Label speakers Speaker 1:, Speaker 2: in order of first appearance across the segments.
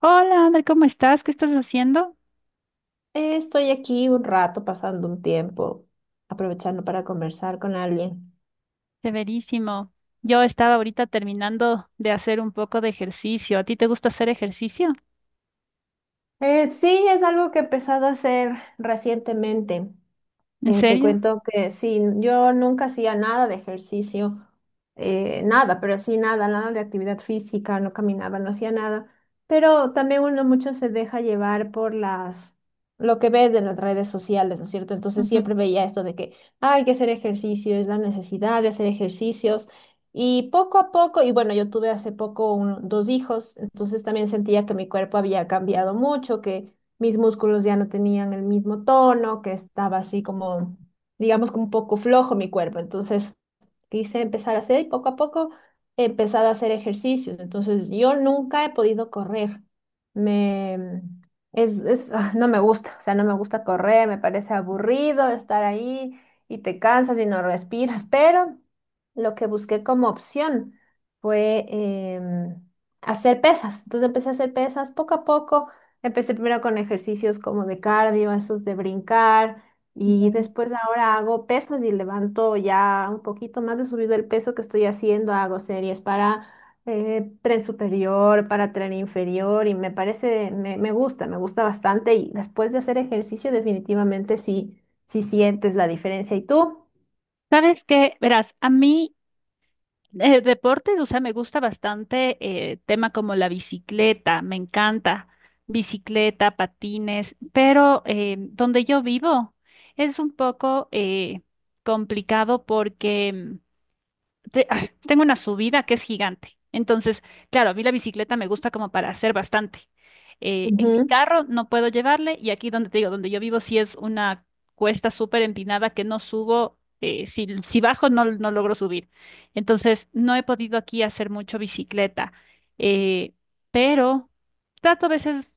Speaker 1: Hola, Ander, ¿cómo estás? ¿Qué estás haciendo?
Speaker 2: Estoy aquí un rato, pasando un tiempo, aprovechando para conversar con alguien.
Speaker 1: Severísimo. Yo estaba ahorita terminando de hacer un poco de ejercicio. ¿A ti te gusta hacer ejercicio?
Speaker 2: Sí, es algo que he empezado a hacer recientemente.
Speaker 1: ¿En
Speaker 2: Te
Speaker 1: serio?
Speaker 2: cuento que sí, yo nunca hacía nada de ejercicio, nada, pero sí nada de actividad física, no caminaba, no hacía nada. Pero también uno mucho se deja llevar por lo que ves de las redes sociales, ¿no es cierto? Entonces
Speaker 1: Ujú.
Speaker 2: siempre veía esto de que "Ah, hay que hacer ejercicio, es la necesidad de hacer ejercicios". Y poco a poco, y bueno, yo tuve hace poco dos hijos, entonces también sentía que mi cuerpo había cambiado mucho, que mis músculos ya no tenían el mismo tono, que estaba así como, digamos, como un poco flojo mi cuerpo. Entonces, quise empezar a hacer y poco a poco he empezado a hacer ejercicios. Entonces, yo nunca he podido correr. Me, es, ah, No me gusta, o sea, no me gusta correr, me parece aburrido estar ahí y te cansas y no respiras, pero lo que busqué como opción fue em, hacer pesas. Entonces empecé a hacer pesas poco a poco. Empecé primero con ejercicios como de cardio, esos de brincar y
Speaker 1: Ya.
Speaker 2: después ahora hago pesas y levanto ya un poquito más de subido el peso que estoy haciendo. Hago series para tren superior, para tren inferior y me parece, me gusta bastante. Y después de hacer ejercicio definitivamente sí, sí sientes la diferencia. ¿Y tú?
Speaker 1: ¿Sabes qué? Verás, a mí deportes, o sea, me gusta bastante tema como la bicicleta, me encanta bicicleta, patines, pero donde yo vivo es un poco complicado porque tengo una subida que es gigante. Entonces, claro, a mí la bicicleta me gusta como para hacer bastante. En mi
Speaker 2: Ujú,
Speaker 1: carro no puedo llevarle y aquí donde te digo, donde yo vivo, sí es una cuesta súper empinada que no subo. Si, si bajo, no, no logro subir. Entonces, no he podido aquí hacer mucho bicicleta. Eh, pero trato a veces,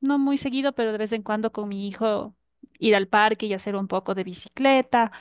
Speaker 1: no muy seguido, pero de vez en cuando con mi hijo ir al parque y hacer un poco de bicicleta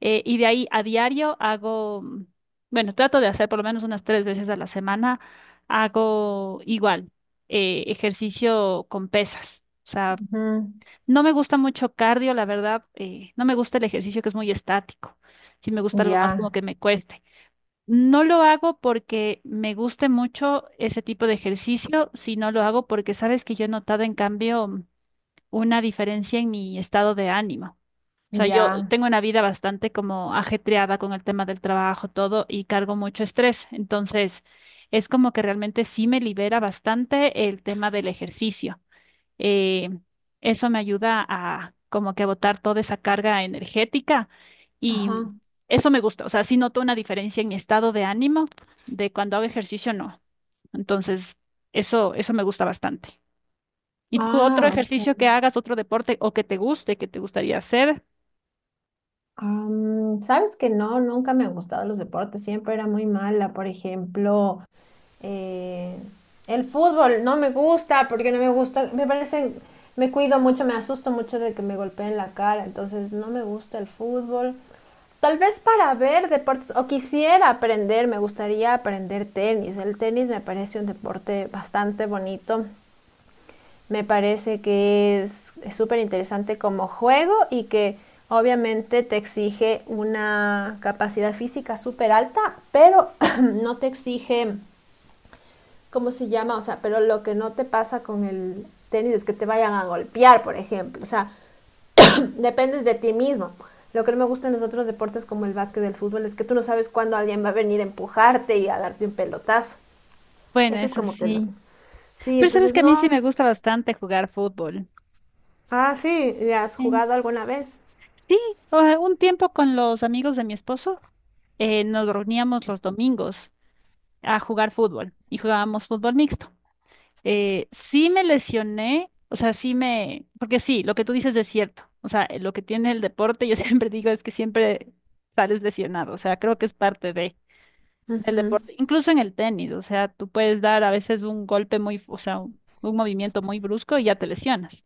Speaker 1: y de ahí a diario hago, bueno, trato de hacer por lo menos unas tres veces a la semana, hago igual, ejercicio con pesas. O sea,
Speaker 2: ujú.
Speaker 1: no me gusta mucho cardio, la verdad, no me gusta el ejercicio que es muy estático. Sí me gusta algo más como
Speaker 2: Ya,
Speaker 1: que me cueste. No lo hago porque me guste mucho ese tipo de ejercicio, sino lo hago porque sabes que yo he notado en cambio una diferencia en mi estado de ánimo. O sea, yo
Speaker 2: ya.
Speaker 1: tengo una vida bastante como ajetreada con el tema del trabajo, todo, y cargo mucho estrés. Entonces, es como que realmente sí me libera bastante el tema del ejercicio. Eh, eso me ayuda a como que a botar toda esa carga energética y
Speaker 2: Ajá.
Speaker 1: eso me gusta. O sea, sí noto una diferencia en mi estado de ánimo de cuando hago ejercicio, no. Entonces, eso me gusta bastante. ¿Y tú otro
Speaker 2: Ah, ok.
Speaker 1: ejercicio que hagas, otro deporte o que te guste, que te gustaría hacer?
Speaker 2: Sabes que no, nunca me han gustado los deportes, siempre era muy mala, por ejemplo, eh, el fútbol no me gusta porque no me gusta, me parecen, me cuido mucho, me asusto mucho de que me golpeen la cara, entonces no me gusta el fútbol. Tal vez para ver deportes, o quisiera aprender, me gustaría aprender tenis. El tenis me parece un deporte bastante bonito. Me parece que es súper interesante como juego y que obviamente te exige una capacidad física súper alta, pero no te exige, ¿cómo se llama? O sea, pero lo que no te pasa con el tenis es que te vayan a golpear, por ejemplo. O sea, dependes de ti mismo. Lo que no me gusta en los otros deportes como el básquet, el fútbol, es que tú no sabes cuándo alguien va a venir a empujarte y a darte un pelotazo.
Speaker 1: Bueno,
Speaker 2: Eso es
Speaker 1: eso
Speaker 2: como que lo...
Speaker 1: sí.
Speaker 2: Sí,
Speaker 1: Pero sabes
Speaker 2: entonces
Speaker 1: que a mí sí
Speaker 2: no...
Speaker 1: me gusta bastante jugar fútbol.
Speaker 2: Ah, ¿sí, has
Speaker 1: Sí.
Speaker 2: jugado alguna vez?
Speaker 1: Sí, o sea, un tiempo con los amigos de mi esposo nos reuníamos los domingos a jugar fútbol y jugábamos fútbol mixto. Sí me lesioné, o sea, porque sí, lo que tú dices es cierto. O sea, lo que tiene el deporte, yo siempre digo es que siempre sales lesionado. O sea, creo que es parte de, del
Speaker 2: Mm,
Speaker 1: deporte, incluso en el tenis. O sea, tú puedes dar a veces un golpe muy, o sea, un movimiento muy brusco y ya te lesionas.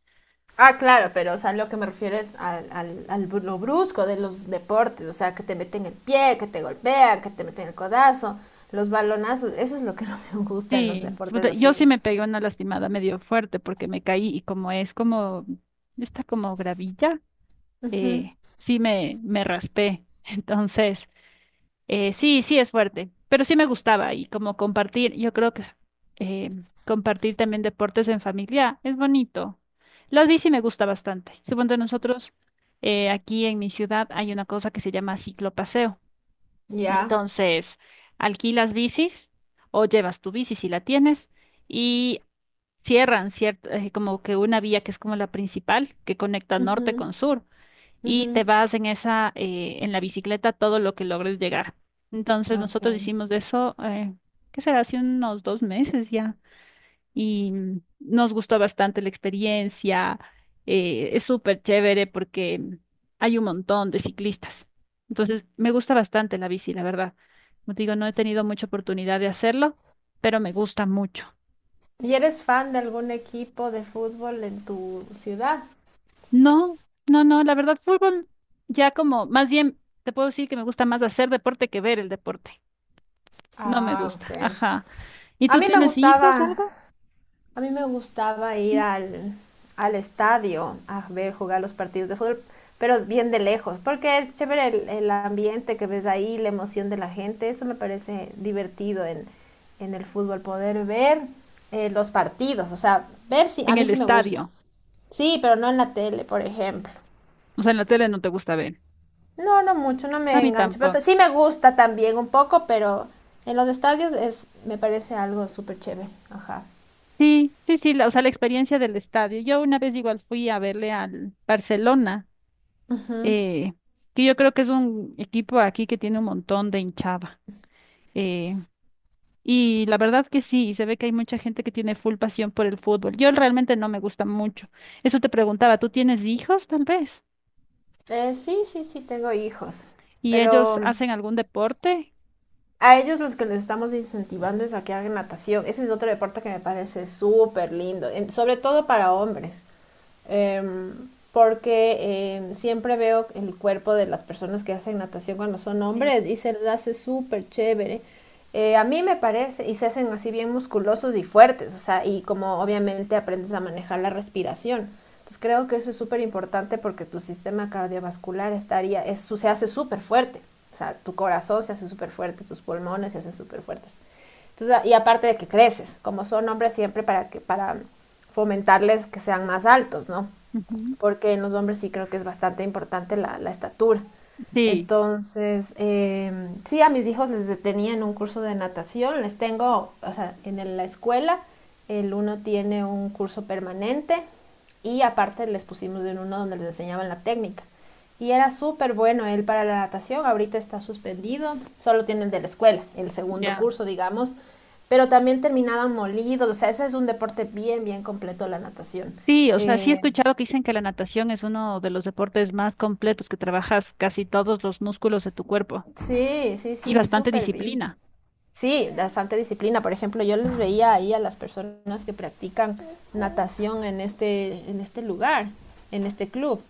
Speaker 2: ah, claro, pero o sea, lo que me refiero es al lo brusco de los deportes, o sea, que te meten el pie, que te golpean, que te meten el codazo, los balonazos, eso es lo que no me gusta en los
Speaker 1: Sí, sí,
Speaker 2: deportes
Speaker 1: puta, yo
Speaker 2: así.
Speaker 1: sí me pegué una lastimada medio fuerte porque me caí y está como gravilla,
Speaker 2: Ujú.
Speaker 1: me raspé. Entonces, sí, sí es fuerte, pero sí me gustaba y como compartir, yo creo que eh, compartir también deportes en familia es bonito. Las bici me gusta bastante. Supongo nosotros, aquí en mi ciudad hay una cosa que se llama ciclopaseo.
Speaker 2: Ya.
Speaker 1: Entonces, alquilas bicis o llevas tu bici si la tienes y cierran cierta, como que una vía que es como la principal que conecta
Speaker 2: Ujú,
Speaker 1: norte con sur y
Speaker 2: ujú,
Speaker 1: te vas en esa, en la bicicleta todo lo que logres llegar. Entonces,
Speaker 2: ok.
Speaker 1: nosotros hicimos eso, ¿qué será? Hace unos dos meses ya y nos gustó bastante la experiencia. Eh, es súper chévere porque hay un montón de ciclistas. Entonces, me gusta bastante la bici, la verdad. Como te digo, no he tenido mucha oportunidad de hacerlo, pero me gusta mucho.
Speaker 2: ¿Y eres fan de algún equipo de fútbol en tu ciudad?
Speaker 1: No, no, no, la verdad, fútbol ya como, más bien, te puedo decir que me gusta más hacer deporte que ver el deporte. No me
Speaker 2: Ah, ok.
Speaker 1: gusta, ajá. ¿Y
Speaker 2: A
Speaker 1: tú
Speaker 2: mí me
Speaker 1: tienes hijos o
Speaker 2: gustaba,
Speaker 1: algo?
Speaker 2: A mí me gustaba ir
Speaker 1: Sí.
Speaker 2: al estadio a ver jugar los partidos de fútbol, pero bien de lejos, porque es chévere el ambiente que ves ahí, la emoción de la gente, eso me parece divertido en el fútbol, poder ver los partidos, o sea, ver si a
Speaker 1: En
Speaker 2: mí
Speaker 1: el
Speaker 2: sí me gusta.
Speaker 1: estadio.
Speaker 2: Sí, pero no en la tele, por ejemplo.
Speaker 1: O sea, en la tele no te gusta ver.
Speaker 2: No, no mucho, no
Speaker 1: A
Speaker 2: me
Speaker 1: mí
Speaker 2: engancho, pero
Speaker 1: tampoco.
Speaker 2: sí me gusta también un poco, pero en los estadios es, me parece algo súper chévere, ajá.
Speaker 1: Sí, sí, sí, la- o sea, la experiencia del estadio. Yo una vez igual fui a verle al Barcelona,
Speaker 2: Ujú.
Speaker 1: eh, que yo creo que es un equipo aquí que tiene un montón de hinchada. Eh, y la verdad que sí, se ve que hay mucha gente que tiene full pasión por el fútbol. Yo realmente no me gusta mucho. Eso te preguntaba, ¿tú tienes hijos tal vez?
Speaker 2: Sí, sí, sí, tengo hijos,
Speaker 1: ¿Y
Speaker 2: pero
Speaker 1: ellos
Speaker 2: mm,
Speaker 1: hacen algún deporte?
Speaker 2: a ellos los que les estamos incentivando es a que hagan natación. Ese es otro deporte que me parece súper lindo, sobre todo para hombres eh, porque siempre veo el cuerpo de las personas que hacen natación cuando son
Speaker 1: Sí.
Speaker 2: hombres y se les hace súper chévere. A mí me parece, y se hacen así bien musculosos y fuertes, o sea, y como obviamente aprendes a manejar la respiración. Entonces creo que eso es súper importante porque tu sistema cardiovascular se hace súper fuerte. O sea, tu corazón se hace súper fuerte, tus pulmones se hacen súper fuertes. Entonces, y aparte de que creces, como son hombres siempre para fomentarles que sean más altos, ¿no?
Speaker 1: Ujú.
Speaker 2: Porque en los hombres sí creo que es bastante importante la estatura.
Speaker 1: Sí,
Speaker 2: Entonces, sí, a mis hijos les tenía en un curso de natación, les tengo, o sea, en la escuela, el uno tiene un curso permanente y aparte les pusimos en uno donde les enseñaban la técnica. Y era súper bueno él para la natación, ahorita está suspendido, solo tiene el de la escuela, el segundo
Speaker 1: ya.
Speaker 2: curso, digamos, pero también terminaban molidos, o sea, ese es un deporte bien completo la natación.
Speaker 1: Sí, o sea, sí he
Speaker 2: Eh,
Speaker 1: escuchado que dicen que la natación es uno de los deportes más completos, que trabajas casi todos los músculos de tu cuerpo.
Speaker 2: Sí, sí,
Speaker 1: Y
Speaker 2: sí,
Speaker 1: bastante
Speaker 2: súper bien.
Speaker 1: disciplina.
Speaker 2: Sí, bastante disciplina. Por ejemplo, yo les veía ahí a las personas que practican natación en este lugar, en este club,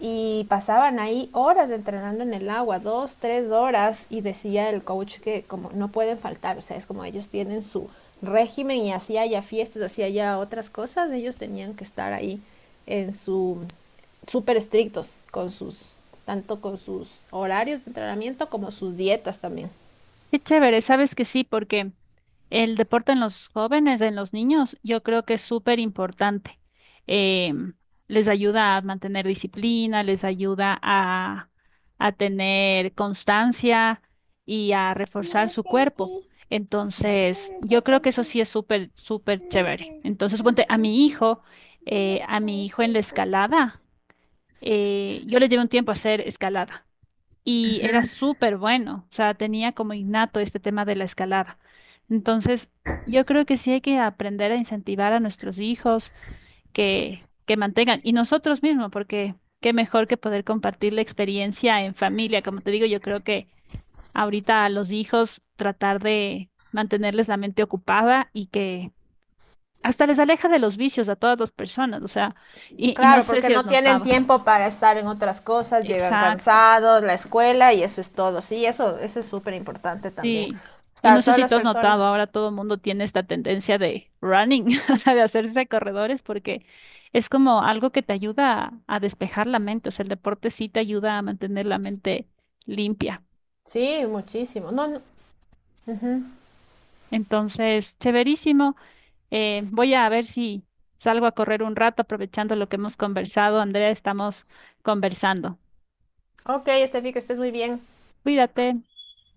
Speaker 2: y pasaban ahí horas entrenando en el agua, dos, tres horas, y decía el coach que como no pueden faltar, o sea, es como ellos tienen su régimen y así haya fiestas, así haya otras cosas, ellos tenían que estar ahí en su súper estrictos con sus tanto con sus horarios de entrenamiento como sus dietas también.
Speaker 1: Qué chévere, sabes que sí, porque el deporte en los jóvenes, en los niños, yo creo que es súper importante. Em, Les ayuda a mantener disciplina, a tener constancia y a reforzar su cuerpo. Entonces, yo creo que eso sí es súper, súper chévere. Entonces, ponte a mi hijo en la escalada, yo le llevo un tiempo a hacer escalada. Y era súper bueno, o sea, tenía como innato este tema de la escalada. Entonces, yo creo que sí hay que aprender a incentivar a nuestros hijos que mantengan, y nosotros mismos, porque qué mejor que poder compartir la experiencia en familia. Como te digo, yo creo que ahorita a los hijos tratar de mantenerles la mente ocupada y que hasta les aleja de los vicios a todas las personas, o sea, y no
Speaker 2: Claro,
Speaker 1: sé
Speaker 2: porque
Speaker 1: si has
Speaker 2: no tienen
Speaker 1: notado.
Speaker 2: tiempo para estar en otras cosas, llegan
Speaker 1: Exacto.
Speaker 2: cansados, la escuela y eso es todo. Sí, eso es súper importante también.
Speaker 1: Sí, y no
Speaker 2: Para
Speaker 1: sé
Speaker 2: todas
Speaker 1: si
Speaker 2: las
Speaker 1: tú has notado,
Speaker 2: personas.
Speaker 1: ahora todo el mundo tiene esta tendencia de running, o sea, de hacerse corredores, porque es como algo que te ayuda a despejar la mente, o sea, el deporte sí te ayuda a mantener la mente limpia.
Speaker 2: Sí, muchísimo. No, no. Ujú.
Speaker 1: Entonces, chéverísimo. Voy a ver si salgo a correr un rato aprovechando lo que hemos conversado. Andrea, estamos conversando.
Speaker 2: Ok, Estefi, que estés muy bien.
Speaker 1: Cuídate.